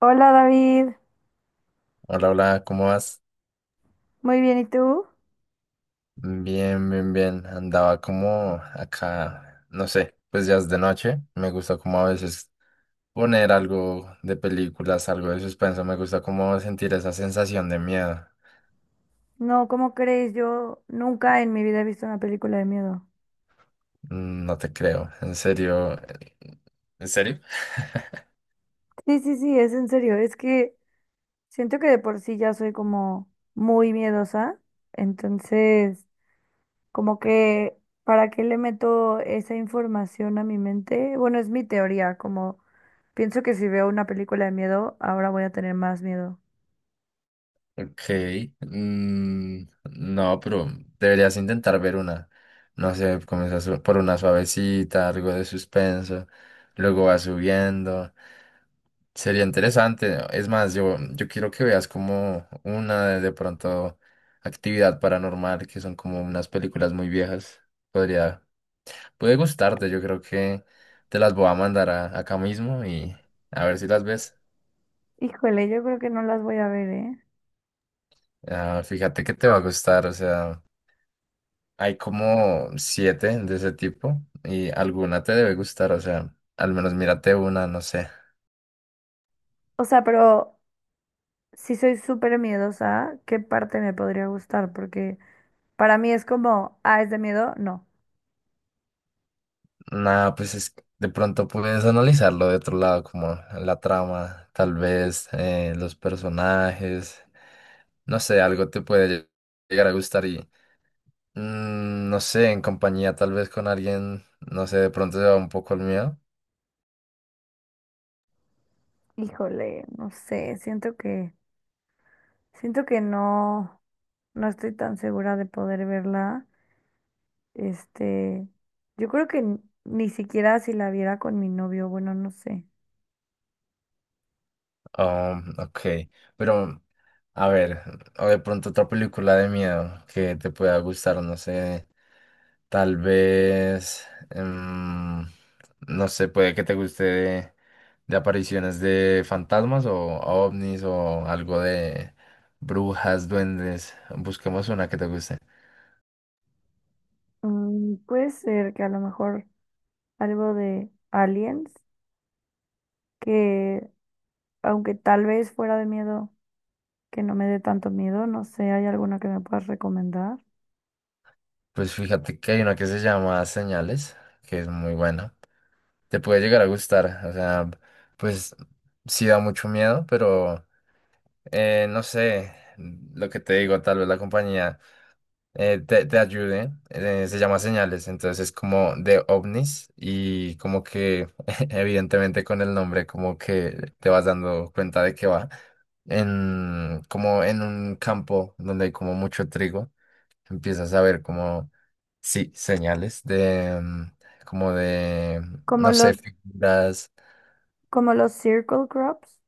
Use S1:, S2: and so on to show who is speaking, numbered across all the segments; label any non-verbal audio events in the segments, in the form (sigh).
S1: Hola David,
S2: Hola, hola, ¿cómo vas?
S1: muy bien, ¿y tú?
S2: Bien, bien, bien. Andaba como acá, no sé, pues ya es de noche. Me gusta como a veces poner algo de películas, algo de suspenso. Me gusta como sentir esa sensación de miedo.
S1: No, ¿cómo crees? Yo nunca en mi vida he visto una película de miedo.
S2: Mm, no te creo, en serio. ¿En serio?
S1: Sí, sí, sí, es en serio, es que siento que de por sí ya soy como muy miedosa, entonces como que ¿para qué le meto esa información a mi mente? Bueno, es mi teoría, como pienso que si veo una película de miedo, ahora voy a tener más miedo.
S2: Ok. mm, no, pero deberías intentar ver una. No sé, comienzas por una suavecita, algo de suspenso. Luego va subiendo. Sería interesante, ¿no? Es más, yo quiero que veas como una de pronto actividad paranormal, que son como unas películas muy viejas. Podría, puede gustarte, yo creo que te las voy a acá mismo y a ver si las ves.
S1: Híjole, yo creo que no las voy a ver, ¿eh?
S2: Ah, fíjate que te va a gustar, o sea, hay como siete de ese tipo y alguna te debe gustar, o sea, al menos mírate una, no sé.
S1: O sea, pero si soy súper miedosa, ¿qué parte me podría gustar? Porque para mí es como, ah, ¿es de miedo? No.
S2: Nada, pues es, de pronto puedes analizarlo de otro lado, como la trama, tal vez los personajes, no sé, algo te puede llegar a gustar y no sé, en compañía tal vez con alguien, no sé, de pronto se va un poco el miedo.
S1: Híjole, no sé, siento que no, no estoy tan segura de poder verla. Este, yo creo que ni siquiera si la viera con mi novio, bueno, no sé.
S2: Oh, ok, pero a ver, o de pronto otra película de miedo que te pueda gustar, no sé. Tal vez, em, no sé, puede que te guste de apariciones de fantasmas o ovnis o algo de brujas, duendes. Busquemos una que te guste.
S1: Mm, puede ser que a lo mejor algo de Aliens, que aunque tal vez fuera de miedo, que no me dé tanto miedo, no sé, ¿hay alguna que me puedas recomendar?
S2: Pues fíjate que hay una que se llama Señales, que es muy buena. Te puede llegar a gustar, o sea, pues sí da mucho miedo, pero no sé, lo que te digo, tal vez la compañía te ayude. Eh, se llama Señales, entonces es como de ovnis y como que (laughs) evidentemente con el nombre como que te vas dando cuenta de que va en como en un campo donde hay como mucho trigo. Empiezas a ver como sí, señales de mm, como de
S1: Como
S2: no
S1: los,
S2: sé, figuras.
S1: como los Circle Crops,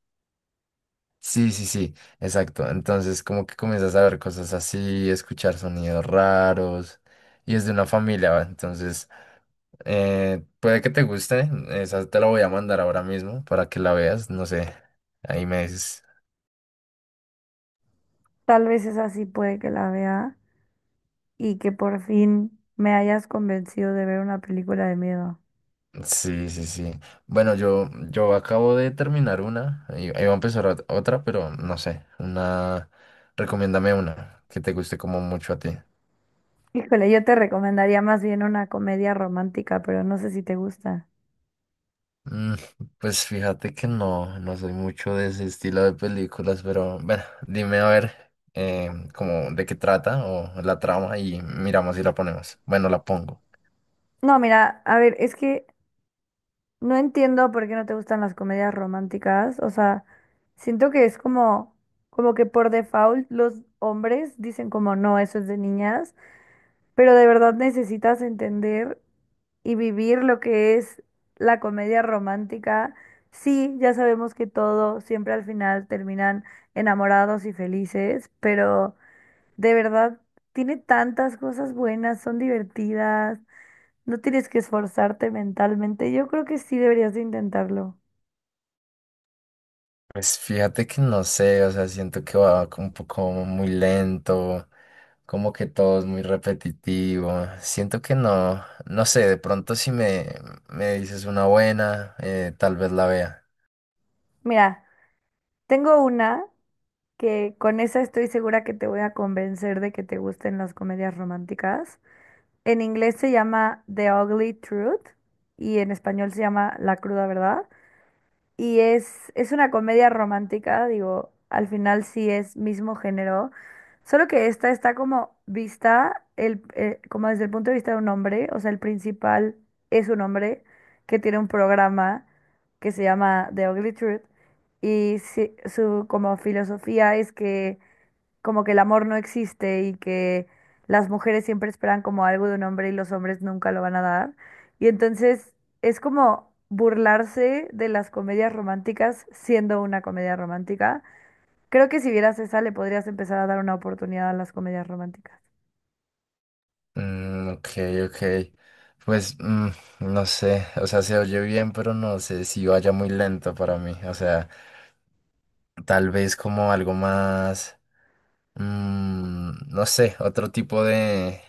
S2: Sí, sí, sí, exacto. Entonces como que comienzas a ver cosas así, escuchar sonidos raros, y es de una familia, ¿va? Entonces puede que te guste. Esa te la voy a mandar ahora mismo para que la veas, no sé, ahí me dices.
S1: tal vez esa sí puede que la vea, y que por fin me hayas convencido de ver una película de miedo.
S2: Sí, sí, sí. Bueno, yo acabo de terminar una, iba a empezar otra, pero no sé, una, recomiéndame una que te guste como mucho a ti.
S1: Híjole, yo te recomendaría más bien una comedia romántica, pero no sé si te gusta.
S2: Mm, pues fíjate que no, no soy mucho de ese estilo de películas, pero bueno, dime a ver como de qué trata o la trama y miramos si la ponemos. Bueno, la pongo.
S1: No, mira, a ver, es que no entiendo por qué no te gustan las comedias románticas. O sea, siento que es como, como que por default los hombres dicen como no, eso es de niñas. Pero de verdad necesitas entender y vivir lo que es la comedia romántica. Sí, ya sabemos que todo siempre al final terminan enamorados y felices, pero de verdad tiene tantas cosas buenas, son divertidas, no tienes que esforzarte mentalmente. Yo creo que sí deberías de intentarlo.
S2: Pues fíjate que no sé, o sea, siento que va como un poco muy lento, como que todo es muy repetitivo. Siento que no, no sé, de pronto si me, me dices una buena, tal vez la vea.
S1: Mira, tengo una que con esa estoy segura que te voy a convencer de que te gusten las comedias románticas. En inglés se llama The Ugly Truth y en español se llama La Cruda Verdad. Y es una comedia romántica, digo, al final sí es mismo género, solo que esta está como vista como desde el punto de vista de un hombre, o sea, el principal es un hombre que tiene un programa que se llama The Ugly Truth y su como filosofía es que como que el amor no existe y que las mujeres siempre esperan como algo de un hombre y los hombres nunca lo van a dar. Y entonces es como burlarse de las comedias románticas siendo una comedia romántica. Creo que si vieras esa le podrías empezar a dar una oportunidad a las comedias románticas.
S2: Mm, ok, ok. Pues no sé, o sea, se oye bien, pero no sé si vaya muy lento para mí. O sea, tal vez como algo más. No sé, otro tipo de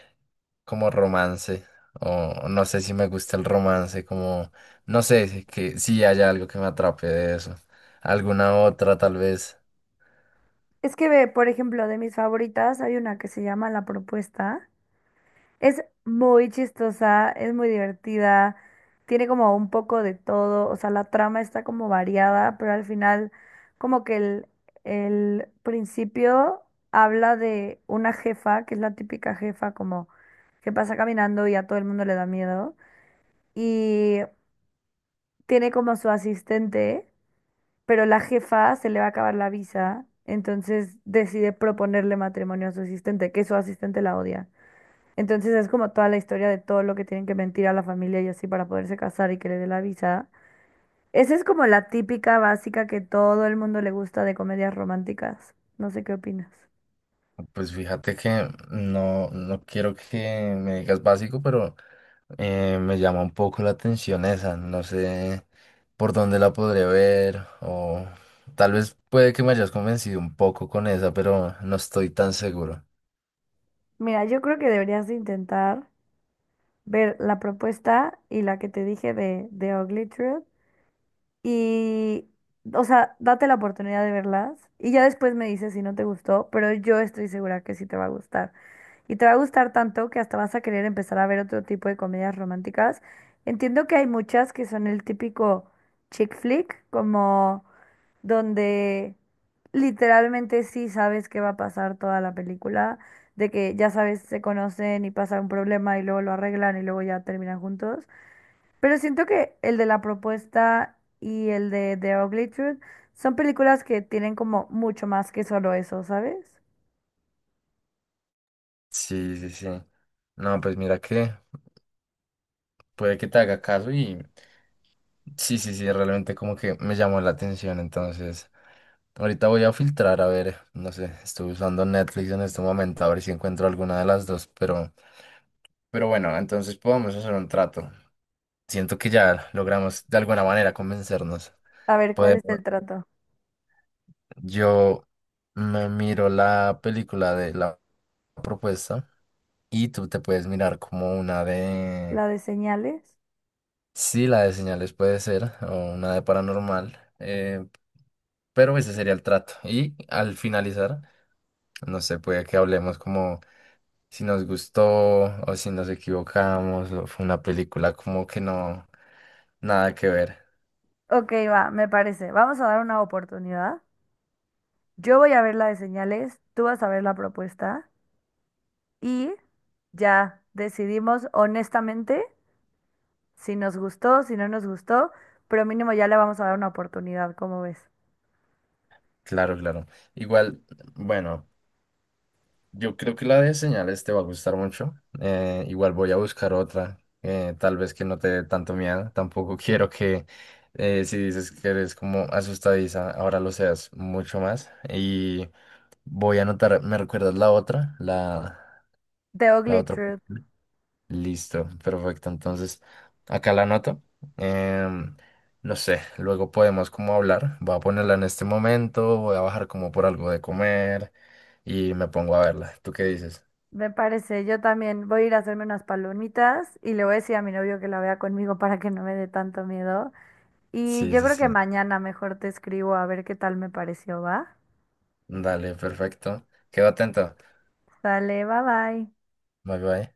S2: como romance. O no sé si me gusta el romance, como no sé si haya algo que me atrape de eso. Alguna otra tal vez.
S1: Es que ve, por ejemplo, de mis favoritas hay una que se llama La Propuesta. Es muy chistosa, es muy divertida, tiene como un poco de todo, o sea, la trama está como variada, pero al final como que el principio habla de una jefa, que es la típica jefa como que pasa caminando y a todo el mundo le da miedo, y tiene como su asistente, pero la jefa se le va a acabar la visa, entonces decide proponerle matrimonio a su asistente, que su asistente la odia. Entonces es como toda la historia de todo lo que tienen que mentir a la familia y así para poderse casar y que le dé la visa. Esa es como la típica básica que todo el mundo le gusta de comedias románticas. No sé qué opinas.
S2: Pues fíjate que no, no quiero que me digas básico, pero me llama un poco la atención esa. No sé por dónde la podré ver o tal vez puede que me hayas convencido un poco con esa, pero no estoy tan seguro.
S1: Mira, yo creo que deberías de intentar ver La Propuesta y la que te dije de Ugly Truth. Y o sea, date la oportunidad de verlas y ya después me dices si no te gustó, pero yo estoy segura que sí te va a gustar. Y te va a gustar tanto que hasta vas a querer empezar a ver otro tipo de comedias románticas. Entiendo que hay muchas que son el típico chick flick, como donde literalmente sí sabes qué va a pasar toda la película, de que ya sabes, se conocen y pasa un problema y luego lo arreglan y luego ya terminan juntos. Pero siento que el de La Propuesta y el de The Ugly Truth son películas que tienen como mucho más que solo eso, ¿sabes?
S2: Sí, sí, sí. No, pues mira que puede que te haga caso y sí, sí, sí, realmente como que me llamó la atención. Entonces, ahorita voy a filtrar, a ver, no sé, estoy usando Netflix en este momento, a ver si encuentro alguna de las dos, pero bueno, entonces podemos hacer un trato. Siento que ya logramos de alguna manera convencernos.
S1: A ver, ¿cuál es
S2: Podemos,
S1: el trato?
S2: yo me miro la película de la propuesta y tú te puedes mirar como una de
S1: ¿La de Señales?
S2: sí, la de señales puede ser, o una de paranormal, pero ese sería el trato. Y al finalizar, no sé, puede que hablemos como si nos gustó o si nos equivocamos, o fue una película como que no, nada que ver.
S1: Ok, va, me parece. Vamos a dar una oportunidad. Yo voy a ver la de Señales, tú vas a ver La Propuesta y ya decidimos honestamente si nos gustó, si no nos gustó, pero mínimo ya le vamos a dar una oportunidad, ¿cómo ves?
S2: Claro, claro. Igual, bueno. Yo creo que la de señales te va a gustar mucho. Igual voy a buscar otra, tal vez que no te dé tanto miedo. Tampoco (laughs) quiero que si dices que eres como asustadiza, ahora lo seas mucho más. Y voy a anotar, ¿me recuerdas la otra? La,
S1: The
S2: la
S1: Ugly
S2: otra.
S1: Truth.
S2: Listo, perfecto. Entonces, acá la anoto. Em, no sé, luego podemos como hablar. Voy a ponerla en este momento, voy a bajar como por algo de comer y me pongo a verla. ¿Tú qué dices?
S1: Me parece, yo también voy a ir a hacerme unas palomitas y le voy a decir a mi novio que la vea conmigo para que no me dé tanto miedo. Y
S2: Sí,
S1: yo
S2: sí,
S1: creo
S2: sí.
S1: que mañana mejor te escribo a ver qué tal me pareció, ¿va?
S2: Dale, perfecto. Quedo atento.
S1: Sale, bye bye.
S2: Bye bye.